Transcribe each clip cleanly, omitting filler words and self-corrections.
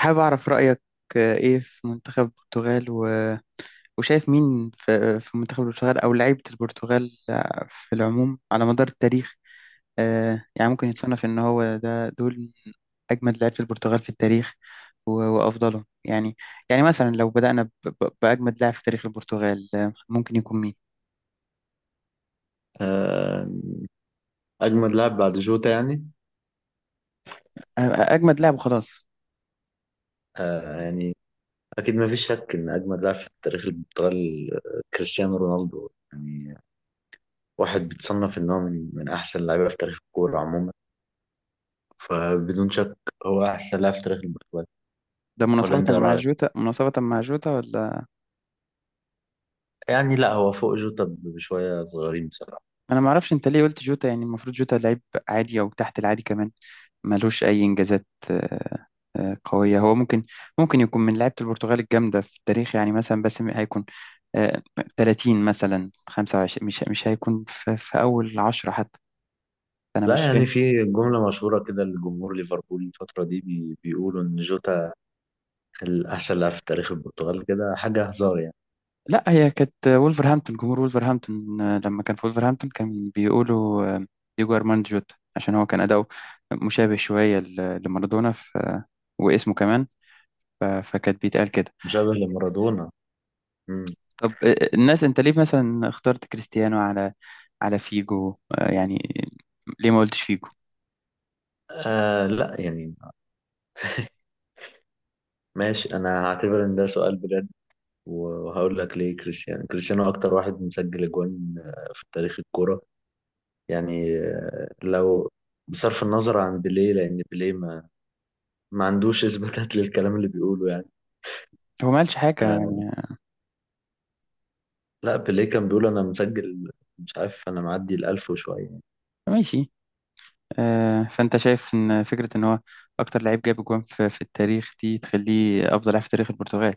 حابب أعرف رأيك، إيه في منتخب البرتغال وشايف مين في منتخب البرتغال أو لعيبة البرتغال في العموم على مدار التاريخ. يعني ممكن يتصنف إن هو ده دول من أجمد لعيبة البرتغال في التاريخ وأفضلهم يعني. يعني مثلا لو بدأنا بأجمد لاعب في تاريخ البرتغال، ممكن يكون مين؟ آه، أجمد لاعب بعد جوتا يعني. أجمد لاعب وخلاص. آه، يعني أكيد ما فيش شك إن أجمد لاعب في تاريخ البرتغال كريستيانو رونالدو يعني. واحد بيتصنف إن هو من أحسن اللعيبة في تاريخ الكورة عموما، فبدون شك هو أحسن لاعب في تاريخ البرتغال. ده ولا مناصفة أنت إيه مع رأيك؟ جوتا، ولا؟ يعني لا، هو فوق جوتا بشوية صغيرين بصراحة. أنا معرفش أنت ليه قلت جوتا، يعني المفروض جوتا لعيب عادي أو تحت العادي كمان، ملوش أي إنجازات قوية. هو ممكن يكون من لعيبة البرتغال الجامدة في التاريخ، يعني مثلا بس هيكون آه، 30 مثلا، 25، مش هيكون في أول عشرة حتى. أنا لا مش فاهم. يعني، في جملة مشهورة كده لجمهور ليفربول الفترة دي بيقولوا إن جوتا الأحسن لاعب في تاريخ البرتغال كده، حاجة هزار يعني. لا هي كانت وولفرهامبتون، جمهور وولفرهامبتون لما كان في وولفرهامبتون كان بيقولوا ديجو أرماند جوتا، عشان هو كان أداؤه مشابه شوية لمارادونا، واسمه كمان، فكانت بيتقال كده. مشابه لمارادونا. طب الناس، انت ليه مثلا اخترت كريستيانو على فيجو؟ يعني ليه ما قلتش فيجو؟ لا يعني ماشي، انا هعتبر ان ده سؤال بجد وهقول لك ليه. كريستيانو اكتر واحد مسجل اجوان في تاريخ الكوره يعني. لو بصرف النظر عن بيليه، لان بيليه ما عندوش اثباتات للكلام اللي بيقوله يعني. هو ما قالش حاجة آه، يعني. لا بيليه كان بيقول انا مسجل مش عارف، انا معدي الالف وشويه يعني. ماشي. فانت شايف ان فكرة ان هو اكتر لعيب جاب جوان في التاريخ دي تخليه افضل لاعب في تاريخ البرتغال؟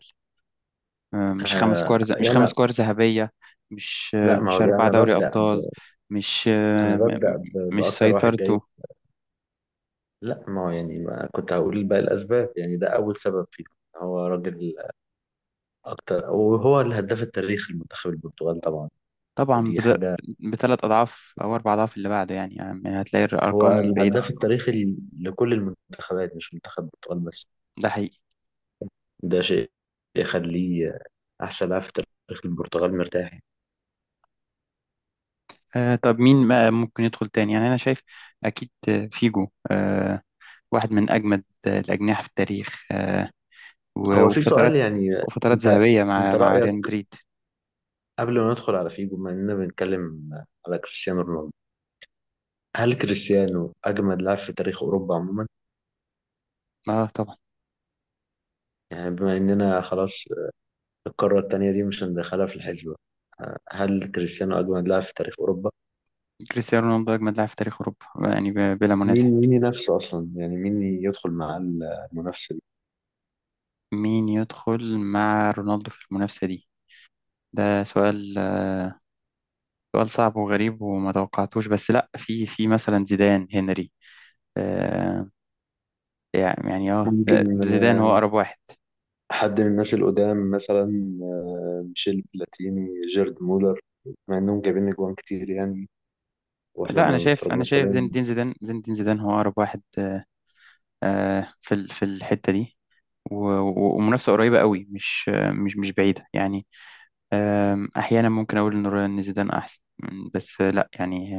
مش خمس آه كور مش خمس يعني كور ذهبية؟ مش لا ما مش هو ده، أربعة انا دوري أبطال؟ مش انا ببدا مش باكتر واحد جايب. سيطرته؟ لا ما هو يعني، ما كنت هقول باقي الاسباب يعني. ده اول سبب فيه، هو راجل أكتر، وهو الهداف التاريخي لمنتخب البرتغال طبعا. طبعا فدي حاجة، بثلاث أضعاف أو أربع أضعاف اللي بعده، يعني هتلاقي هو الأرقام بعيدة. الهداف التاريخي لكل المنتخبات مش منتخب البرتغال بس. ده حقيقي. ده شيء يخليه أحسن لاعب في تاريخ البرتغال مرتاح. آه، طب مين ما ممكن يدخل تاني؟ يعني أنا شايف أكيد، فيجو، آه، واحد من أجمد، الأجنحة في التاريخ، آه، هو في سؤال وفترات، يعني. أنت ذهبية مع أنت ريال رأيك مدريد. قبل ما ندخل على فيجو، بما إننا بنتكلم على كريستيانو رونالدو، هل كريستيانو أجمد لاعب في تاريخ أوروبا عموما؟ اه طبعا. يعني بما إننا خلاص، القارة التانية دي مش هندخلها في الحسبة، هل كريستيانو أجمد لاعب في تاريخ أوروبا؟ كريستيانو رونالدو أجمد لاعب في تاريخ أوروبا، يعني بلا مين منازع. مين ينافسه أصلا؟ يعني مين يدخل مع المنافسة دي؟ مين يدخل مع رونالدو في المنافسة دي؟ ده سؤال، سؤال صعب وغريب وما توقعتوش، بس لا، في مثلا زيدان، هنري، آه يعني اه، ممكن زيدان هو أقرب واحد. حد من الناس القدام مثلا، ميشيل بلاتيني، جيرد مولر، مع إنهم جايبين أجوان كتير يعني، وإحنا لا انا ما شايف، اتفرجناش زين عليهم. الدين زيدان، هو اقرب واحد، في في الحتة دي، ومنافسة قريبة قوي، مش مش بعيدة يعني. أحيانا ممكن أقول إن إن زيدان أحسن بس لا يعني،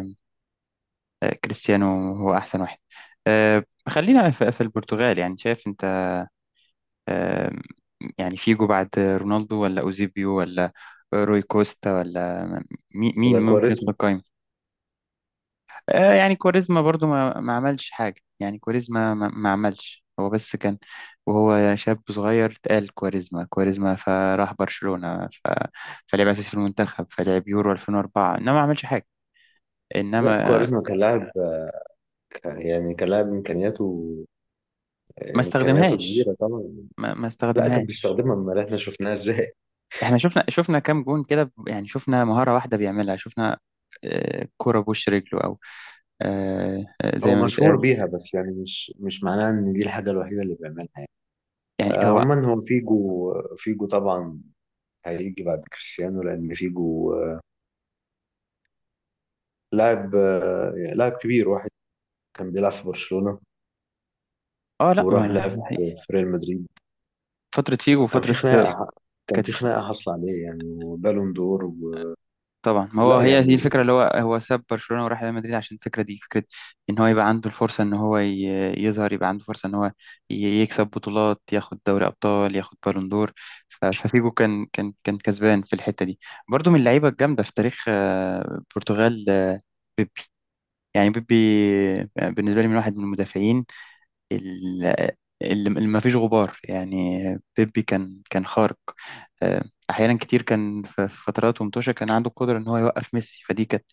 كريستيانو هو أحسن واحد. آه، خلينا في البرتغال. يعني شايف أنت، آم، يعني فيجو بعد رونالدو ولا أوزيبيو ولا روي كوستا ولا مين ولا ممكن يدخل كواريزما. قائمة؟ آه، يعني كاريزما برضو ما عملش حاجة. يعني كاريزما ما عملش، هو بس كان وهو شاب صغير اتقال كاريزما كاريزما، فراح برشلونة فلعب أساسي في المنتخب، فلعب يورو 2004، إنما ما عملش حاجة. لا إنما كواريزما كان لاعب، يعني كان لاعب إمكانياته ما إمكانياته استخدمهاش، كبيرة طبعا. ما لا كان استخدمهاش. بيستخدمها، أمال إحنا شفناها إزاي؟ إحنا شفنا، كام جون كده يعني، شفنا مهارة واحدة بيعملها، شفنا، كرة بوش رجله أو زي هو ما مشهور بيتقال بيها، بس يعني مش معناها إن دي الحاجة الوحيدة اللي بيعملها يعني. يعني. هو عموما هو فيجو. فيجو طبعا هيجي بعد كريستيانو، لأن فيجو لاعب، يعني لاعب كبير. واحد كان بيلعب في برشلونة اه لا وراح لعب في ريال مدريد، فترة فيجو وكان في وفترة خناقة، كان كانت في في. خناقة حاصلة عليه يعني، وبالون دور و... طبعا، ما هو لا هي دي يعني الفكره، اللي هو ساب برشلونه وراح ريال مدريد عشان الفكره دي فكره ان هو يبقى عنده الفرصه ان هو يظهر، يبقى عنده فرصه ان هو يكسب بطولات، ياخد دوري ابطال، ياخد بالون دور. ففيجو كان كسبان في الحته دي. برضو من اللعيبه الجامده في تاريخ، البرتغال، يعني بيبي. آه، بالنسبه لي من واحد من المدافعين ال- اللي ما فيش غبار يعني. بيبي كان خارق، آه، احيانا كتير كان في فترات ومتوشة كان عنده القدره ان هو يوقف ميسي، فدي كانت،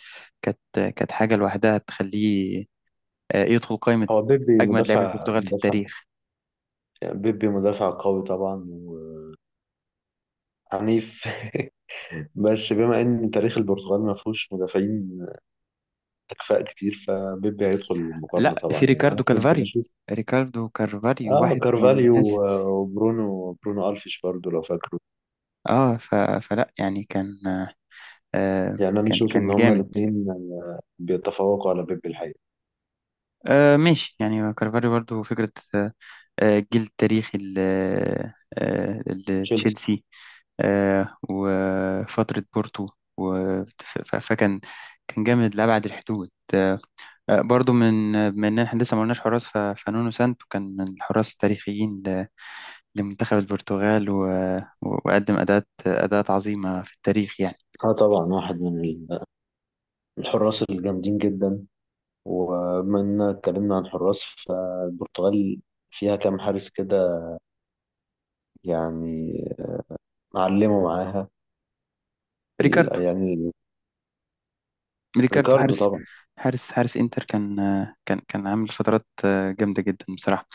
كانت كانت حاجه لوحدها تخليه، يدخل قائمه هو بيبي اجمد لاعبي مدافع البرتغال في مدافع التاريخ. يعني. بيبي مدافع قوي طبعا، وعنيف بس بما ان تاريخ البرتغال ما فيهوش مدافعين تكفاء كتير، فبيبي هيدخل المقارنة لا، في طبعا. يعني انا ريكاردو كنت كالفاريو، بشوف. ريكاردو كالفاريو اه واحد من كارفاليو الناس، وبرونو، برونو الفيش برضو لو فاكر. اه. فلا يعني كان آه، يعني انا كان اشوف ان كان هما جامد. الاثنين بيتفوقوا على بيب الحقيقه. آه، ماشي يعني. كالفاريو برضو فكره، آه، الجيل التاريخي آه، تشيلسي. لتشيلسي، وفترة بورتو، فكان، كان جامد لأبعد الحدود، آه، برضو من إحنا لسه ما قلناش حراس. فنونو سانتو كان من الحراس التاريخيين لمنتخب البرتغال، وقدم أداءات عظيمة في التاريخ يعني. اه طبعا، واحد من الحراس الجامدين جدا. وبما اننا اتكلمنا عن حراس، فالبرتغال فيها كام حارس كده يعني، معلموا معاها. ال- ريكاردو، يعني ريكاردو حارس، طبعا. حارس انتر، كان آه، كان عامل فترات آه، جامدة جدا بصراحة.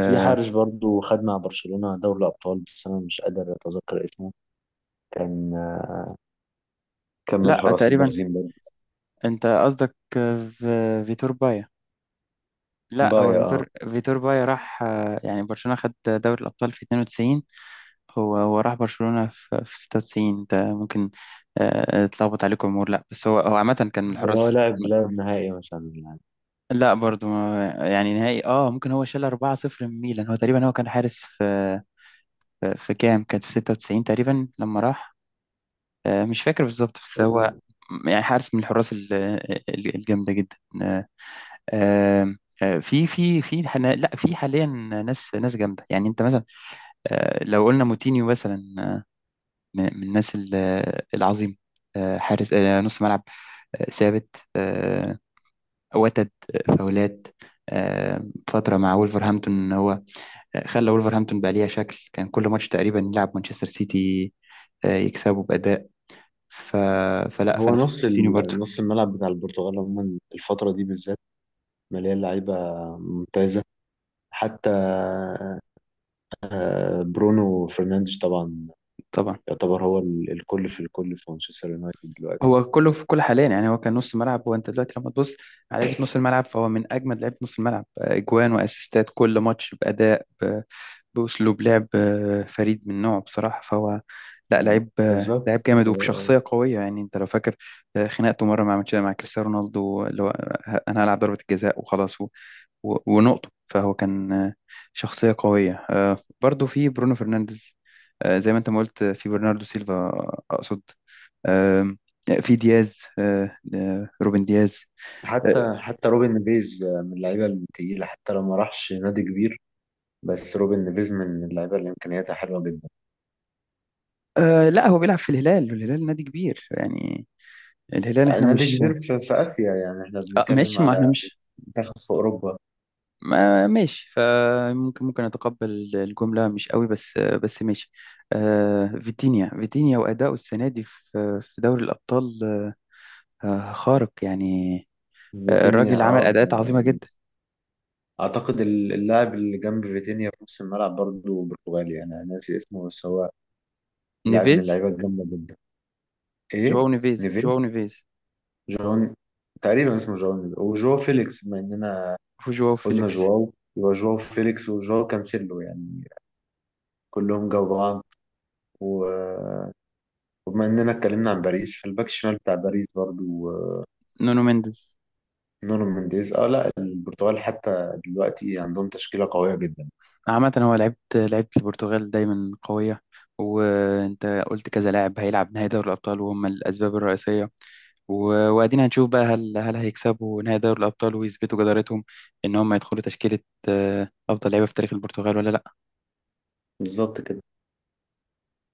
في حارس برضو خد مع برشلونة دوري الأبطال، بس أنا مش قادر أتذكر اسمه. كان كان من لا الحراس تقريبا. البارزين برضو. انت قصدك في فيتور بايا؟ لا هو بايا فيتور، اه. بايا راح، يعني برشلونة خد دوري الأبطال في 92. هو راح برشلونة في 96. انت ممكن، اتلخبط عليكم امور، لا بس هو عامة كان من هو الحراس. لاعب لاعب نهائي مثلا لا برضو يعني نهائي، اه ممكن. هو شال 4-0 من ميلان. هو تقريبا هو كان حارس في كام، كانت في 96 تقريبا لما راح، مش فاكر بالظبط بس هو، يعني. يعني حارس من الحراس الجامدة جدا. آه، آم، آه، في حنا، لا في حاليا ناس، جامده يعني. انت مثلا، لو قلنا موتينيو مثلا، من الناس العظيمه، آه، حارس، آه، نص ملعب، آه، ثابت، آه، وتد، آه، فاولات، آه، فتره مع وولفرهامبتون. هو، آه، خلى وولفرهامبتون بقى ليها شكل، كان كل ماتش تقريبا يلعب مانشستر سيتي، آه، يكسبه باداء. ف... فلا، هو فانا شايف موتينيو برضو. نص الملعب بتاع البرتغال عموما الفترة دي بالذات مليان لعيبة ممتازة. حتى برونو فرنانديز طبعا طبعا. يعتبر هو الكل في الكل في مانشستر يونايتد دلوقتي. هو كله في كل حاليا يعني. هو كان نص ملعب، وانت دلوقتي لما تبص على لعيبه نص الملعب، فهو من اجمد لعيبه نص الملعب، آه، اجوان واسيستات كل ماتش، باداء، باسلوب لعب، آه، فريد من نوعه بصراحه. فهو لا مم. لعيب، آه، بالظبط لعيب جامد، وبشخصيه قويه يعني. انت لو فاكر، آه، خناقته مره مع ماتش مع كريستيانو رونالدو، اللي هو، آه، انا هلعب ضربه الجزاء وخلاص ونقطه، فهو كان، آه، شخصيه قويه. آه، برضو في برونو فرنانديز، آه، زي ما انت ما قلت. آه، في برناردو سيلفا، آه، اقصد، آم، في دياز، آه، آه، روبن دياز. آه، حتى روبن نيفيز، من اللعيبة التقيلة حتى لو ما راحش نادي كبير. بس روبن نيفيز من اللعيبة اللي إمكانياتها حلوة جدا. آه، لا هو بيلعب في الهلال، والهلال نادي كبير يعني. الهلال آه، احنا نادي مش، كبير في آسيا يعني، احنا آه، بنتكلم ماشي، ما على احنا مش، منتخب في أوروبا. ما ماشي، فممكن اتقبل الجملة مش قوي، بس آه، بس ماشي. آه، فيتينيا، وأداؤه السنة دي في دوري الأبطال، آه، خارق يعني. آه، فيتينيا الراجل عمل اه. أداءات عظيمة جدا. اعتقد اللاعب اللي جنب فيتينيا في نص الملعب برضه برتغالي. يعني انا ناسي اسمه، بس هو لاعب من نيفيز، اللعيبه الجامده جدا. ايه جواو نيفيز، نيفيز. جون. تقريبا اسمه جون نيفيز، وجواو فيليكس بما اننا وجواو قلنا فيليكس. جواو، يبقى جواو فيليكس وجواو كانسيلو يعني، كلهم جو بعض. و- وبما اننا اتكلمنا عن باريس، فالباك الشمال بتاع باريس برضو نونو مينديز. نونو مينديز. اه لا، البرتغال حتى دلوقتي عندهم تشكيله قويه جدا. عامة هو لعيبة، البرتغال دايما قوية. وانت قلت كذا لاعب هيلعب نهائي دوري الأبطال وهم الأسباب الرئيسية، وادينا هنشوف بقى، هل هيكسبوا نهائي دوري الأبطال ويثبتوا جدارتهم إن هم يدخلوا تشكيلة، أفضل لعيبة في تاريخ البرتغال ولا لأ؟ بالظبط كده.